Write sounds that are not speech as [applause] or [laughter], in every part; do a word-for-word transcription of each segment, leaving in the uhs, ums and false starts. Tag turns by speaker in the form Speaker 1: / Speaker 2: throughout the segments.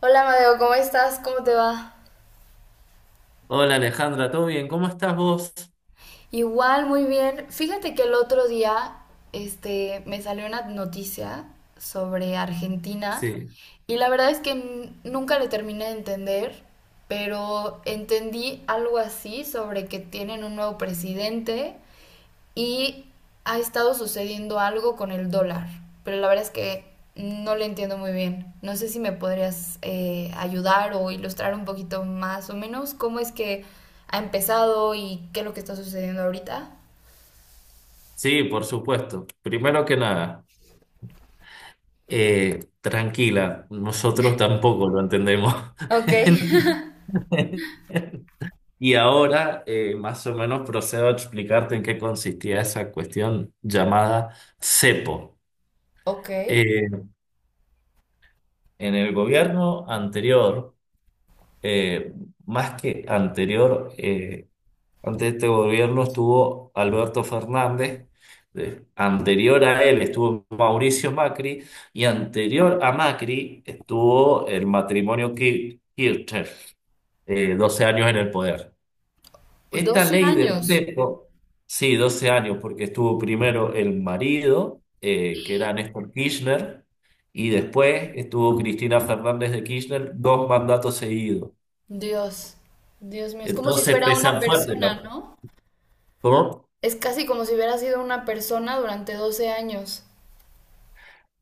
Speaker 1: Hola Madeo, ¿cómo estás? ¿Cómo te va?
Speaker 2: Hola Alejandra, ¿todo bien? ¿Cómo estás vos?
Speaker 1: Igual, muy bien. Fíjate que el otro día, este, me salió una noticia sobre Argentina
Speaker 2: Sí,
Speaker 1: y la verdad es que n- nunca le terminé de entender, pero entendí algo así sobre que tienen un nuevo presidente y ha estado sucediendo algo con el dólar, pero la verdad es que no le entiendo muy bien. No sé si me podrías eh, ayudar o ilustrar un poquito más o menos cómo es que ha empezado y qué es lo que está sucediendo ahorita.
Speaker 2: sí, por supuesto. Primero que nada, eh, tranquila, nosotros tampoco lo entendemos.
Speaker 1: Ok,
Speaker 2: [laughs] Y ahora eh, más o menos procedo a explicarte en qué consistía esa cuestión llamada CEPO.
Speaker 1: ok.
Speaker 2: Eh, en el gobierno anterior, eh, más que anterior, eh, ante este gobierno estuvo Alberto Fernández, eh, anterior a él estuvo Mauricio Macri y anterior a Macri estuvo el matrimonio Kir- Kirchner, eh, doce años en el poder. Esta
Speaker 1: Doce
Speaker 2: ley del
Speaker 1: años.
Speaker 2: cepo, sí, doce años, porque estuvo primero el marido, eh, que era Néstor Kirchner, y después estuvo Cristina Fernández de Kirchner, dos mandatos seguidos.
Speaker 1: Dios, Dios mío, es como si
Speaker 2: Entonces
Speaker 1: fuera una
Speaker 2: pesan fuerte,
Speaker 1: persona,
Speaker 2: ¿no?
Speaker 1: ¿no?
Speaker 2: ¿Cómo?
Speaker 1: Es casi como si hubiera sido una persona durante doce años.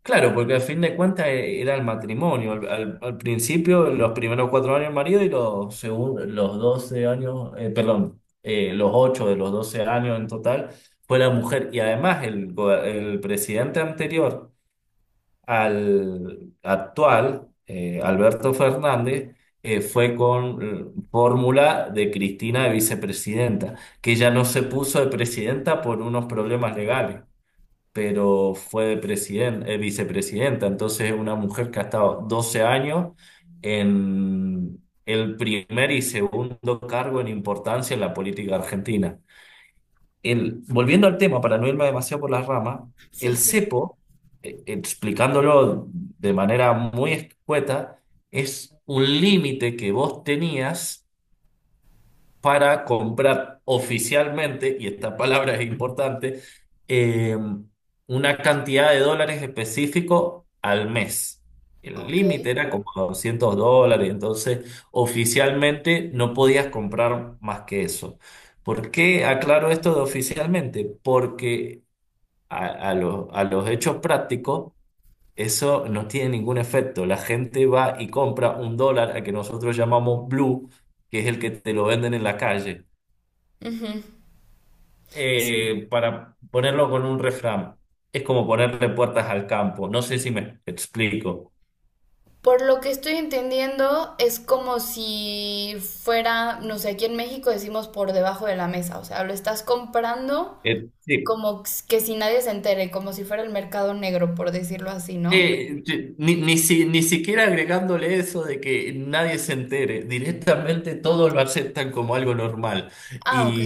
Speaker 2: Claro, porque al fin de cuentas e- era el matrimonio. Al, al- al principio, los primeros cuatro años el marido y los, segun- los doce años, eh, perdón, eh, los ocho de los doce años en total fue la mujer. Y además el, go- el presidente anterior al actual, eh, Alberto Fernández, eh, fue con eh, fórmula de Cristina de vicepresidenta, que ella no se puso de presidenta por unos problemas legales pero fue presidente, eh, vicepresidenta, entonces es una mujer que ha estado doce años en el primer y segundo cargo en importancia en la política argentina. El, volviendo al tema, para no irme demasiado por las ramas,
Speaker 1: Sí,
Speaker 2: el
Speaker 1: sí.
Speaker 2: cepo, eh, explicándolo de manera muy escueta, es un límite que vos tenías para comprar oficialmente, y esta palabra es importante, eh, una cantidad de dólares específico al mes. El
Speaker 1: Ok.
Speaker 2: límite era como doscientos dólares, entonces oficialmente no podías comprar más que eso. ¿Por qué aclaro esto de oficialmente? Porque a, a los a los hechos prácticos eso no tiene ningún efecto. La gente va y compra un dólar al que nosotros llamamos blue, que es el que te lo venden en la calle,
Speaker 1: Ujú.
Speaker 2: eh, para ponerlo con un refrán, es como ponerle puertas al campo. No sé si me explico.
Speaker 1: Por lo que estoy entendiendo, es como si fuera, no sé, aquí en México decimos por debajo de la mesa, o sea, lo estás comprando
Speaker 2: Eh, sí.
Speaker 1: como que si nadie se entere, como si fuera el mercado negro, por decirlo así, ¿no?
Speaker 2: Eh, yo- ni, ni, si- ni siquiera agregándole eso de que nadie se entere, directamente todos lo aceptan como algo normal.
Speaker 1: Ah, ok,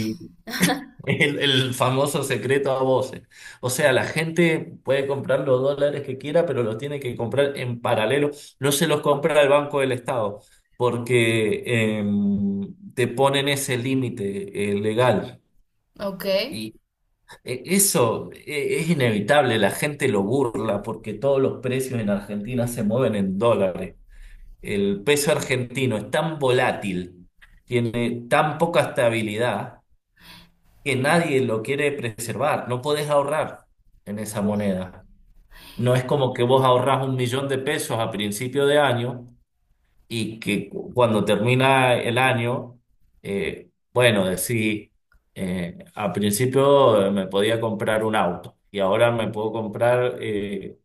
Speaker 2: El, el famoso secreto a voces. O sea, la gente puede comprar los dólares que quiera, pero los tiene que comprar en paralelo. No se los compra el Banco del Estado, porque eh, te ponen ese límite eh, legal.
Speaker 1: ok,
Speaker 2: Y eh, eso eh, es inevitable, la gente lo burla porque todos los precios en Argentina se mueven en dólares. El peso argentino es tan volátil, tiene tan poca estabilidad que nadie lo quiere preservar. No podés ahorrar en esa moneda. No es como que vos ahorrás un millón de pesos a principio de año y que cu- cuando termina el año, eh, bueno, decís, eh, a principio eh, me podía comprar un auto y ahora me puedo comprar eh,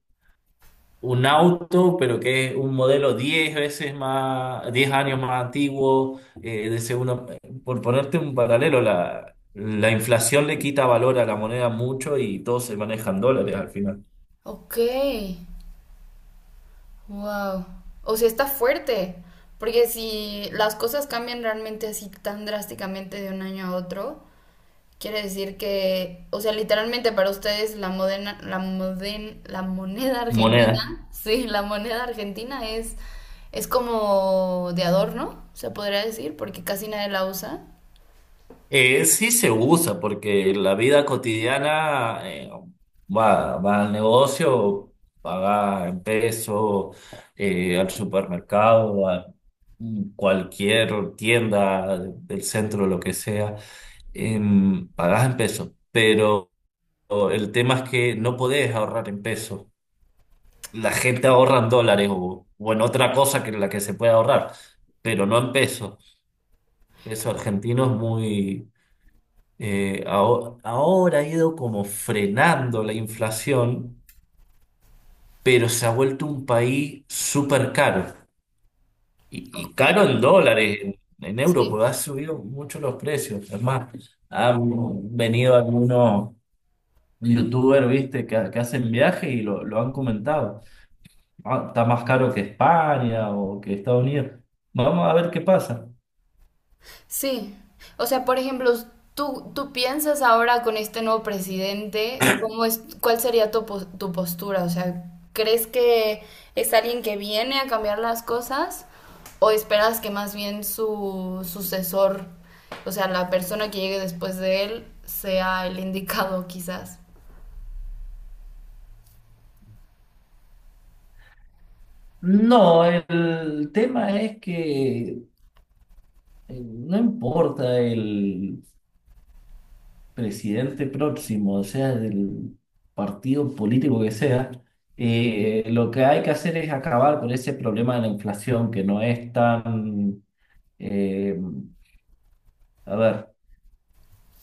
Speaker 2: un auto, pero que es un modelo diez veces más, diez años más antiguo, eh, de segundo, por ponerte un paralelo, la, la inflación le quita valor a la moneda mucho y todos se manejan dólares al final.
Speaker 1: ok, wow. O sea, está fuerte, porque si las cosas cambian realmente así tan drásticamente de un año a otro, quiere decir que, o sea, literalmente para ustedes la modena- la moden- la moneda argentina,
Speaker 2: Moneda.
Speaker 1: [laughs] sí, la moneda argentina es, es como de adorno, se podría decir, porque casi nadie la usa.
Speaker 2: Eh, sí se usa porque en la vida cotidiana eh, va, va al negocio, paga en peso, eh, al supermercado, a cualquier tienda del centro, lo que sea. Em, pagás en pesos, pero el tema es que no podés ahorrar en pesos. La gente ahorra en dólares o, o en otra cosa que en la que se puede ahorrar, pero no en pesos. Peso argentino es muy. Eh, aho- ahora ha ido como frenando la inflación, pero se ha vuelto un país súper caro. Y, y
Speaker 1: Ok.
Speaker 2: caro en dólares, en, en euros,
Speaker 1: Sí,
Speaker 2: porque ha subido mucho los precios. Es más, han venido algunos youtuber, viste, que, que hacen viaje y lo, lo han comentado. Ah, está más caro que España o que Estados Unidos. Vamos a ver qué pasa.
Speaker 1: sí, o sea, por ejemplo, tú, tú piensas ahora con este nuevo presidente, ¿cómo es, cuál sería tu, pos- tu postura? O sea, ¿crees que es alguien que viene a cambiar las cosas o esperas que más bien su sucesor, o sea, la persona que llegue después de él, sea el indicado quizás?
Speaker 2: No, el tema es que eh, no importa el presidente próximo, o sea, del partido político que sea, eh, lo que hay que hacer es acabar con ese problema de la inflación que no es tan, eh, a ver.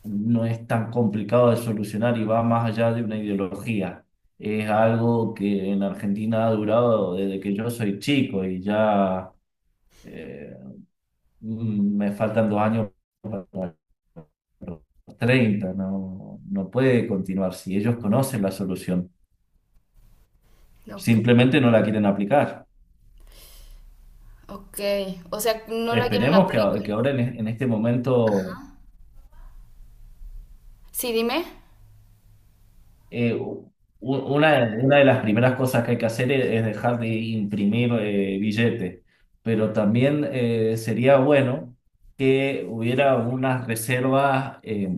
Speaker 2: No es tan complicado de solucionar y va más allá de una ideología. Es algo que en Argentina ha durado desde que yo soy chico y ya eh, mm, me faltan dos años para los treinta. No, no puede continuar si ellos conocen la solución.
Speaker 1: Ok.
Speaker 2: Simplemente no la quieren aplicar.
Speaker 1: Ok, o sea, no la quieren
Speaker 2: Esperemos que, a-
Speaker 1: aplicar.
Speaker 2: que ahora en, e- en este momento.
Speaker 1: Sí, dime.
Speaker 2: Eh, u- una, una de las primeras cosas que hay que hacer es, es dejar de imprimir eh, billetes, pero también eh, sería bueno que hubiera unas reservas eh,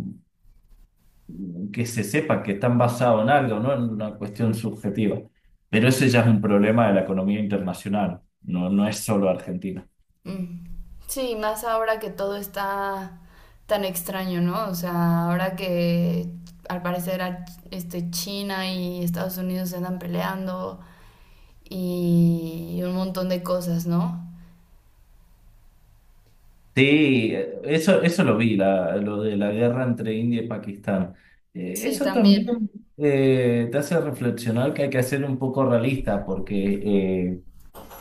Speaker 2: que se sepa que están basadas en algo, no en una cuestión subjetiva. Pero ese ya es un problema de la economía internacional, no, no es solo Argentina.
Speaker 1: Mm. Sí, más ahora que todo está tan extraño, ¿no? O sea, ahora que al parecer a- este, China y Estados Unidos se andan peleando y un montón de cosas, ¿no?
Speaker 2: Sí, eh, eso, eso lo vi, la, lo de la guerra entre India y Pakistán. Eh,
Speaker 1: Sí,
Speaker 2: eso
Speaker 1: también.
Speaker 2: también eh, te hace reflexionar que hay que ser un poco realista, porque eh,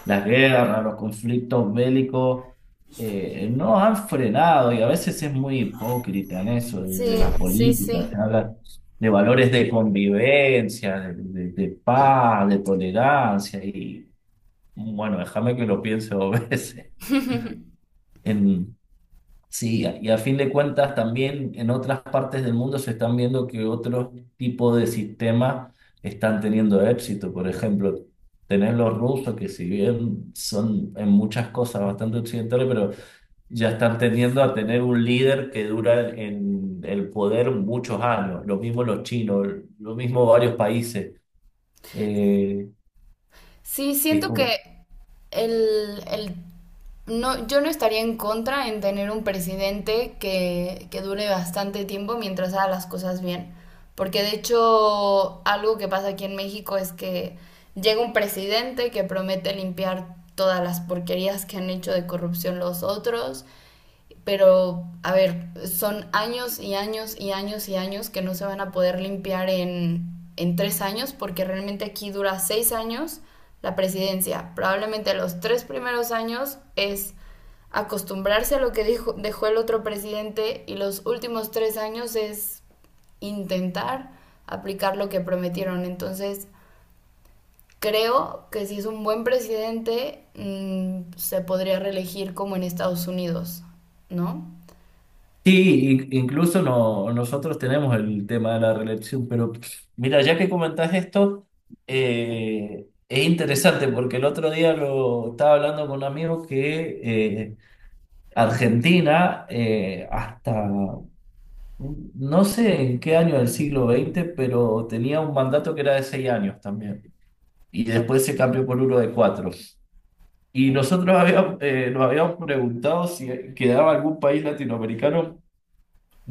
Speaker 2: las guerras, los conflictos bélicos eh, no han frenado y a veces es muy hipócrita en eso, desde
Speaker 1: Sí,
Speaker 2: la
Speaker 1: sí,
Speaker 2: política, se
Speaker 1: sí.
Speaker 2: habla de valores de convivencia, de, de- de paz, de tolerancia, y bueno, déjame que lo piense dos [laughs] veces. Sí, y a fin de cuentas también en otras partes del mundo se están viendo que otros tipos de sistemas están teniendo éxito. Por ejemplo, tenés los rusos que si bien son en muchas cosas bastante occidentales, pero ya están tendiendo a tener un líder que dura en el poder muchos años. Lo mismo los chinos, lo mismo varios países. Eh,
Speaker 1: Sí,
Speaker 2: es
Speaker 1: siento que
Speaker 2: como.
Speaker 1: el, el- no, yo no estaría en contra en tener un presidente que, que dure bastante tiempo mientras haga las cosas bien. Porque de hecho, algo que pasa aquí en México es que llega un presidente que promete limpiar todas las porquerías que han hecho de corrupción los otros, pero, a ver, son años y años y años y años que no se van a poder limpiar en, en tres años, porque realmente aquí dura seis años la presidencia. Probablemente los tres primeros años es acostumbrarse a lo que dijo, dejó el otro presidente, y los últimos tres años es intentar aplicar lo que prometieron. Entonces, creo que si es un buen presidente, mm, se podría reelegir como en Estados Unidos, ¿no?
Speaker 2: Sí, in- incluso no, nosotros tenemos el tema de la reelección, pero mira, ya que comentás esto, eh, es interesante porque el otro día lo estaba hablando con un amigo que eh, Argentina, eh, hasta no sé en qué año del siglo veinte, pero tenía un mandato que era de seis años también, y después se cambió por uno de cuatro. Y nosotros habíamos, eh, nos habíamos preguntado si quedaba algún país latinoamericano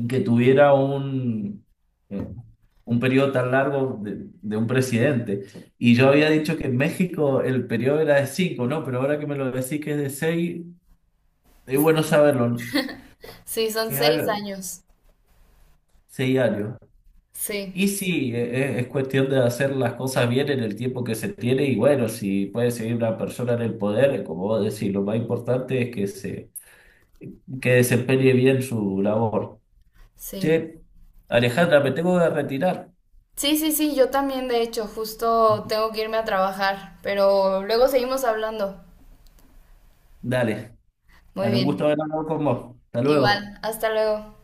Speaker 2: que tuviera un, eh, un periodo tan largo de, de un presidente. Y yo había dicho que en México el periodo era de cinco, ¿no? Pero ahora que me lo decís que es de seis, es bueno
Speaker 1: Sí,
Speaker 2: saberlo, ¿no?
Speaker 1: sí, son
Speaker 2: Es
Speaker 1: seis
Speaker 2: algo,
Speaker 1: años.
Speaker 2: seis años. Y
Speaker 1: Sí,
Speaker 2: sí, e- e- es, cuestión de hacer las cosas bien en el tiempo que se tiene y bueno, si puede seguir una persona en el poder, como vos decís, lo más importante es que se que desempeñe bien su labor.
Speaker 1: sí.
Speaker 2: Che, Alejandra, me tengo que retirar.
Speaker 1: Sí, sí, sí, yo también, de hecho, justo tengo que irme a trabajar, pero luego seguimos hablando.
Speaker 2: Dale.
Speaker 1: Muy
Speaker 2: Dale, un gusto
Speaker 1: bien.
Speaker 2: haber hablado con vos. Hasta luego.
Speaker 1: Igual, hasta luego.